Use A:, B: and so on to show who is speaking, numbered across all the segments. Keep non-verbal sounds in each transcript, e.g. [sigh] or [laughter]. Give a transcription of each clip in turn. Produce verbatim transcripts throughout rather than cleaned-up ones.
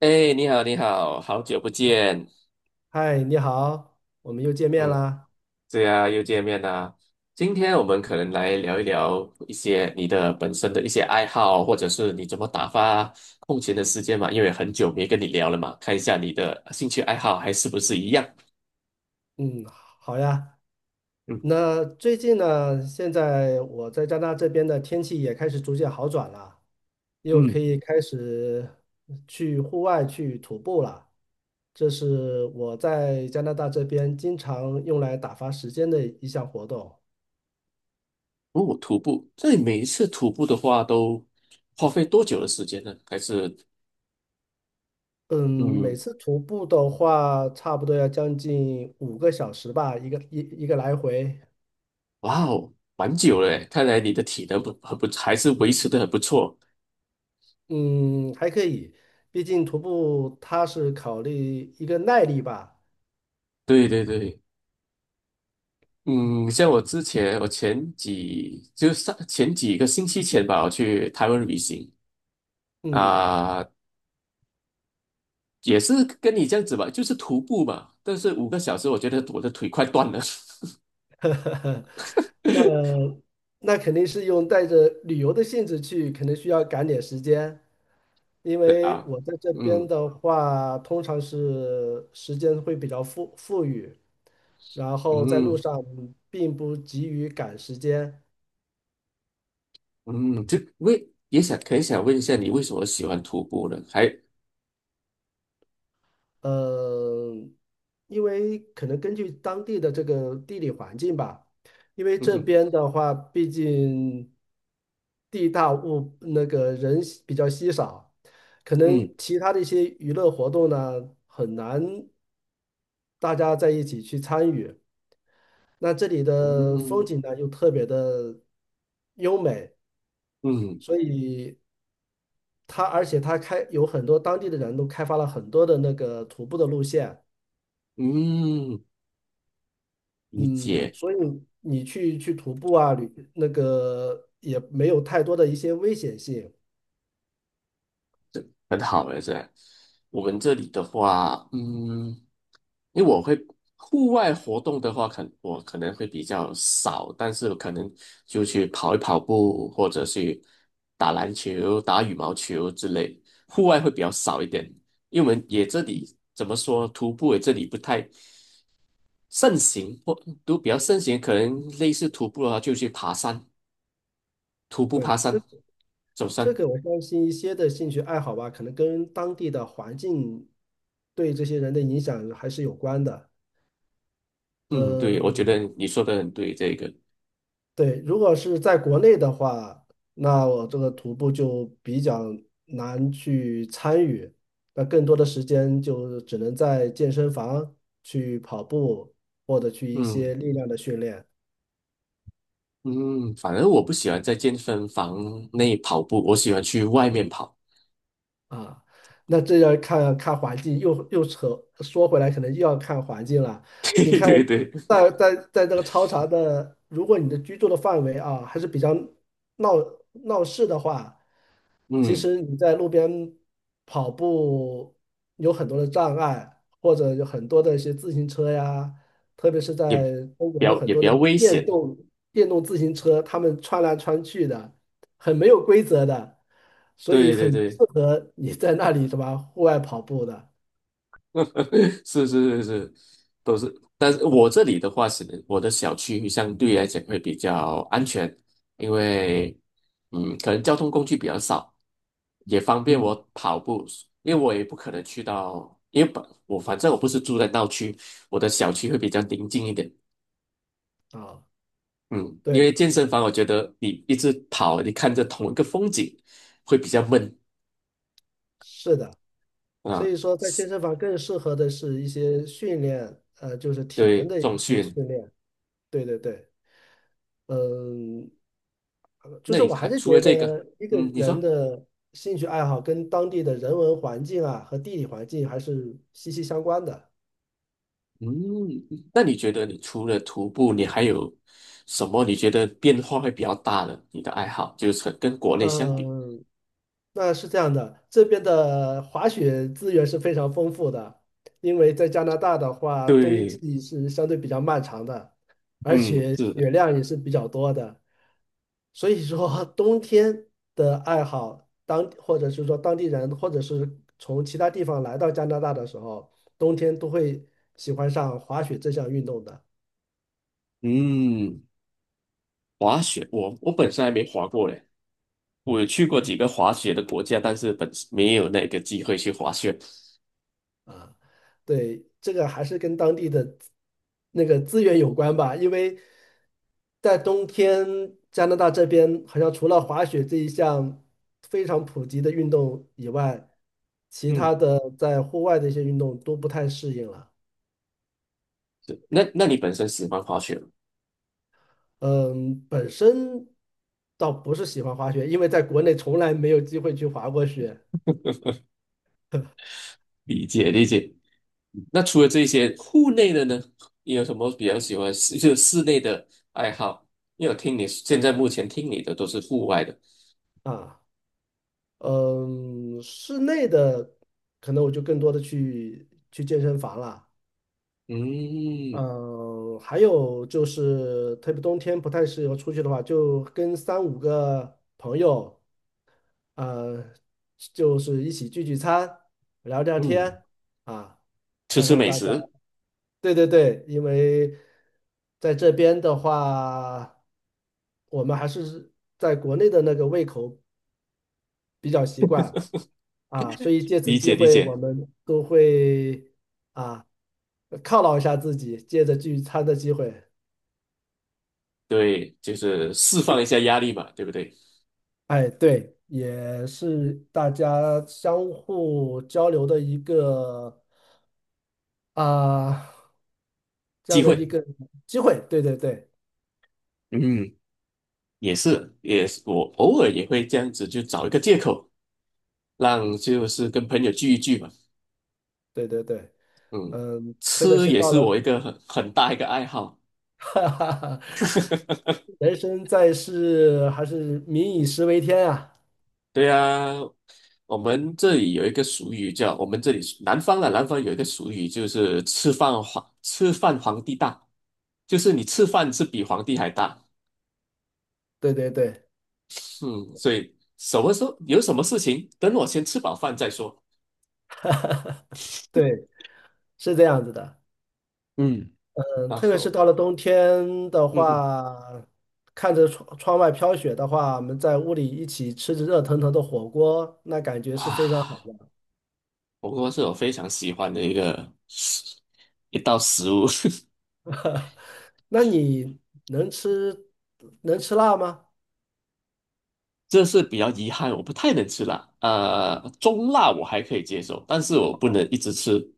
A: 哎，你好，你好。好久不见。
B: 嗨，你好，我们又见面
A: 嗯，
B: 啦。
A: 对啊，又见面啦。今天我们可能来聊一聊一些你的本身的一些爱好，或者是你怎么打发空闲的时间嘛，因为很久没跟你聊了嘛，看一下你的兴趣爱好还是不是一样。
B: 嗯，好呀。
A: 嗯
B: 那最近呢，现在我在加拿大这边的天气也开始逐渐好转了，又
A: 嗯。
B: 可以开始去户外去徒步了。这是我在加拿大这边经常用来打发时间的一项活动。
A: 哦，徒步，这里每一次徒步的话都花费多久的时间呢？还是
B: 嗯，每
A: 嗯，
B: 次徒步的话，差不多要将近五个小时吧，一个一一个来回。
A: 哇哦，蛮久了诶，看来你的体能不很不还是维持的很不错。
B: 嗯，还可以，毕竟徒步它是考虑一个耐力吧。
A: 对对对。
B: 嗯
A: 嗯，像我之前，我前几就上前几个星期前吧，我去台湾旅行。
B: 嗯，
A: 啊、也是跟你这样子吧，就是徒步嘛，但是五个小时，我觉得我的腿快断了。
B: 那
A: [laughs]
B: 那肯定是用带着旅游的性质去，可能需要赶点时间，因
A: 对
B: 为
A: 啊。
B: 我在这边
A: 嗯
B: 的话，通常是时间会比较富富裕，然后在路
A: 嗯
B: 上并不急于赶时间。
A: 嗯。就为也想很想问一下你为什么喜欢徒步呢？还
B: 呃，因为可能根据当地的这个地理环境吧，因为
A: 嗯
B: 这
A: 哼。
B: 边的话，毕竟地大物那个人稀比较稀少，可能
A: 嗯
B: 其他的一些娱乐活动呢，很难大家在一起去参与。那这里的风
A: 嗯
B: 景呢，又特别的优美，
A: 嗯
B: 所以它而且它开有很多当地的人都开发了很多的那个徒步的路线。
A: 嗯。理
B: 嗯，
A: 解。
B: 所以你去去徒步啊，旅那个也没有太多的一些危险性。
A: 很好了，是吧。我们这里的话，嗯。因为我会户外活动的话，可我可能会比较少，但是可能就去跑一跑步，或者去打篮球、打羽毛球之类，户外会比较少一点。因为我们也这里怎么说，徒步也这里不太盛行，或都比较盛行，可能类似徒步的话，就去爬山，徒步爬
B: 对，这
A: 山、走
B: 这
A: 山。
B: 个我相信一些的兴趣爱好吧，可能跟当地的环境对这些人的影响还是有关的。
A: 嗯，对，我觉
B: 嗯，
A: 得你说的很对，这个，
B: 对，如果是在国内的话，那我这个徒步就比较难去参与，那更多的时间就只能在健身房去跑步，或者去一
A: 嗯。
B: 些力量的训练。
A: 嗯，反正我不喜欢在健身房内跑步，我喜欢去外面跑。
B: 啊，那这要看看环境，又又扯说回来，可能又要看环境了。
A: [laughs]
B: 你
A: 对
B: 看，
A: 对对。
B: 在在在这个超长的，如果你的居住的范围啊还是比较闹闹市的话，其
A: 嗯，
B: 实你在路边跑步有很多的障碍，或者有很多的一些自行车呀，特别是
A: 也比
B: 在中国有
A: 较
B: 很
A: 也比
B: 多的
A: 较危
B: 电
A: 险。
B: 动电动自行车，他们穿来穿去的，很没有规则的，所以
A: 对对
B: 很不适
A: 对。
B: 合你在那里什么户外跑步的。
A: [laughs] 是是是是，都是。但是我这里的话是，我的小区相对来讲会比较安全，因为嗯，可能交通工具比较少，也方便我
B: 嗯，
A: 跑步。因为我也不可能去到，因为本我反正我不是住在闹区，我的小区会比较宁静一点。
B: 啊，
A: 嗯，因为
B: 对，
A: 健身房，我觉得你一直跑，你看着同一个风景，会比较闷
B: 是的，所
A: 啊。
B: 以说在健身房更适合的是一些训练，呃，就是体
A: 对，
B: 能的一
A: 这种训
B: 些
A: 练。
B: 训练。对对对。嗯，就
A: 那
B: 是
A: 你
B: 我还
A: 看，
B: 是
A: 除了
B: 觉
A: 这个，
B: 得一个
A: 嗯，你
B: 人
A: 说，
B: 的兴趣爱好跟当地的人文环境啊和地理环境还是息息相关的。
A: 嗯，那你觉得你除了徒步，你还有什么你觉得变化会比较大的？你的爱好就是跟国内相比，
B: 嗯，那是这样的，这边的滑雪资源是非常丰富的，因为在加拿大的话，冬
A: 对，
B: 季是相对比较漫长的，而
A: 嗯，
B: 且
A: 是的，
B: 雪量也是比较多的，所以说 [laughs] 冬天的爱好，当或者是说当地人，或者是从其他地方来到加拿大的时候，冬天都会喜欢上滑雪这项运动的。
A: 嗯，滑雪，我我本身还没滑过嘞，我有去过几个滑雪的国家，但是本没有那个机会去滑雪，
B: 啊，对，这个还是跟当地的那个资源有关吧，因为在冬天，加拿大这边好像除了滑雪这一项非常普及的运动以外，其
A: 嗯。
B: 他的在户外的一些运动都不太适应了。
A: 对，那那你本身喜欢滑雪吗？
B: 嗯，本身倒不是喜欢滑雪，因为在国内从来没有机会去滑过雪
A: 理解理解。那除了这些户内的呢，你有什么比较喜欢室就是室内的爱好？因为我听你现在目前听你的都是户外的，
B: 啊。嗯，室内的可能我就更多的去去健身房了。
A: 嗯
B: 嗯，还有就是，特别冬天不太适合出去的话，就跟三五个朋友，呃，就是一起聚聚餐，聊聊
A: 嗯，
B: 天啊，
A: 吃
B: 看
A: 吃
B: 看
A: 美
B: 大家。
A: 食。
B: 对对对，因为在这边的话，我们还是在国内的那个胃口比较习惯啊，所以借此
A: 理
B: 机
A: 解理
B: 会，我
A: 解。
B: 们都会啊犒劳一下自己，借着聚餐的机会。
A: 对，就是释放一下压力嘛，对不对？
B: 哎，对，也是大家相互交流的一个啊、这
A: 机
B: 样的一
A: 会，
B: 个机会。对对对
A: 嗯，也是也是，我偶尔也会这样子，就找一个借口，让就是跟朋友聚一聚嘛，
B: 对对对，
A: 嗯，
B: 嗯，特别
A: 吃
B: 是
A: 也
B: 到
A: 是
B: 了
A: 我一个很很大一个爱好。
B: [laughs] 哈哈哈，
A: [laughs]
B: 人生在世，还是民以食为天啊。
A: 对啊，我们这里有一个俗语叫，我们这里南方的南方有一个俗语，就是吃饭皇吃饭皇帝大，就是你吃饭是比皇帝还大。
B: 对对对
A: 嗯，所以什么时候有什么事情，等我先吃饱饭再说。
B: 对，是这样子的。
A: 嗯，
B: 嗯，
A: 然
B: 特别是
A: 后，
B: 到了冬天的
A: 嗯哼，
B: 话，看着窗窗外飘雪的话，我们在屋里一起吃着热腾腾的火锅，那感觉是非常好。
A: 哇，火锅是我非常喜欢的一个一道食物，
B: [laughs] 那你能吃能吃辣吗？
A: [laughs] 这是比较遗憾，我不太能吃辣。呃，中辣我还可以接受，但是我不
B: 啊，
A: 能一直吃。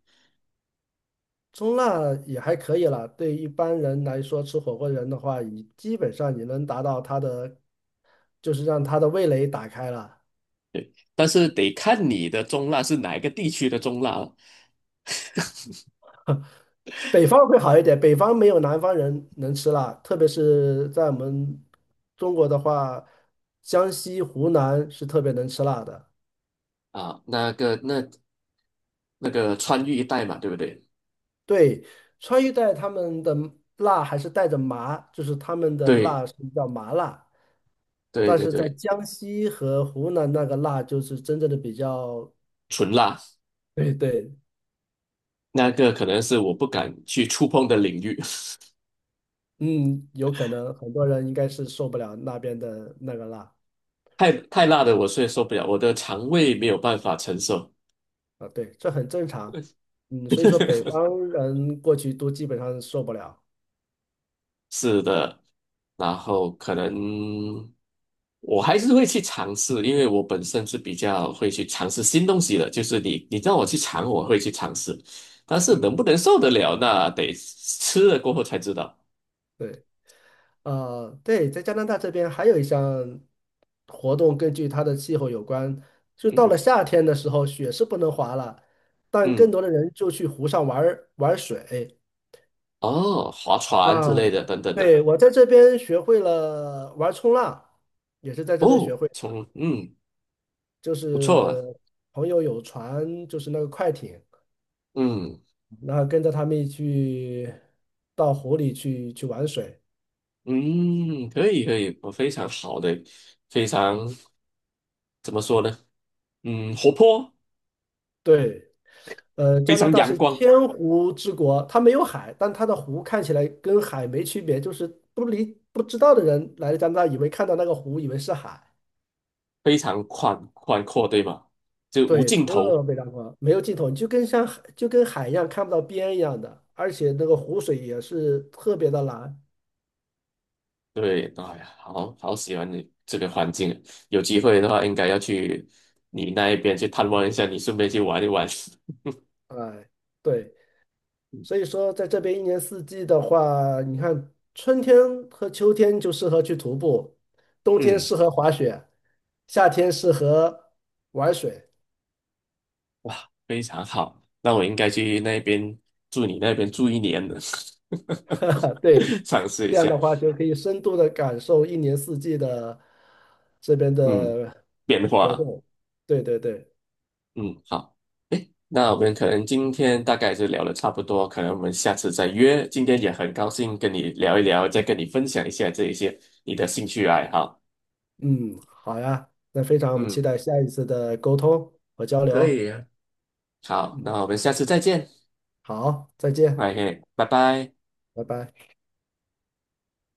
B: 中辣也还可以了。对一般人来说，吃火锅人的话，你基本上你能达到他的，就是让他的味蕾打开了。
A: 但是得看你的中辣是哪一个地区的中辣了。
B: 北方会好一点，北方没有南方人能吃辣，特别是在我们中国的话，江西、湖南是特别能吃辣的。
A: 啊，那个那那个川渝一带嘛，对不对？
B: 对，川渝带他们的辣还是带着麻，就是他们的
A: 对
B: 辣是比较麻辣，
A: 对
B: 但
A: 对
B: 是在
A: 对。
B: 江西和湖南那个辣就是真正的比较，
A: 纯辣
B: 对对，
A: 那个可能是我不敢去触碰的领域，
B: 嗯，有可能很多人应该是受不了那边的那个辣
A: [laughs] 太太辣的我是受不了，我的肠胃没有办法承受。
B: 啊，对，这很正常，嗯，所以说北
A: [laughs]
B: 方人过去都基本上受不了，
A: 是的，然后可能我还是会去尝试，因为我本身是比较会去尝试新东西的，就是你你让我去尝，我会去尝试，但是
B: 嗯，
A: 能不能受得了，那得吃了过后才知道。
B: 对。呃，对，在加拿大这边还有一项活动，根据它的气候有关，就
A: 嗯
B: 到了
A: 哼
B: 夏天的时候，雪是不能滑了，但更
A: 嗯，
B: 多的人就去湖上玩儿玩水
A: 哦，划船之
B: 啊。
A: 类的等等的，
B: 对，我在这边学会了玩冲浪，也是在这边学
A: 哦，
B: 会，
A: 从嗯
B: 就
A: 不错啊，
B: 是朋友有船，就是那个快艇，
A: 嗯
B: 然后跟着他们一起去到湖里去去玩水。
A: 嗯，可以可以，我非常好的，非常怎么说呢？嗯，活泼，
B: 对。呃，
A: 非
B: 加拿
A: 常
B: 大
A: 阳
B: 是
A: 光。
B: 千湖之国，它没有海，但它的湖看起来跟海没区别，就是不理不知道的人来了加拿大，以为看到那个湖，以为是海，
A: 非常宽宽阔，对吧？就无
B: 对，
A: 尽头。
B: 特别壮观，没有尽头，你就跟像海就跟海一样看不到边一样的，而且那个湖水也是特别的蓝，
A: 对，哎呀，好好喜欢你这个环境啊，有机会的话应该要去你那一边去探望一下，你顺便去玩一玩。[laughs]
B: 哎，对，所以说在这边一年四季的话，你看春天和秋天就适合去徒步，冬天
A: 嗯，
B: 适合滑雪，夏天适合玩水，
A: 哇，非常好，那我应该去那边住你那边住一年的，
B: [laughs] 对。
A: [laughs] 尝试一
B: 这样
A: 下，
B: 的话就可以深度的感受一年四季的这边
A: 嗯，
B: 的
A: 变
B: 活
A: 化，
B: 动。对对对，
A: 嗯，好。那我们可能今天大概是聊的差不多，可能我们下次再约。今天也很高兴跟你聊一聊，再跟你分享一下这一些你的兴趣爱好。
B: 嗯，好呀，那非常我们期
A: 嗯，
B: 待下一次的沟通和交
A: 可
B: 流。
A: 以啊，好，那
B: 嗯，
A: 我们下次再见。
B: 好，再见，
A: OK,拜拜。
B: 拜拜。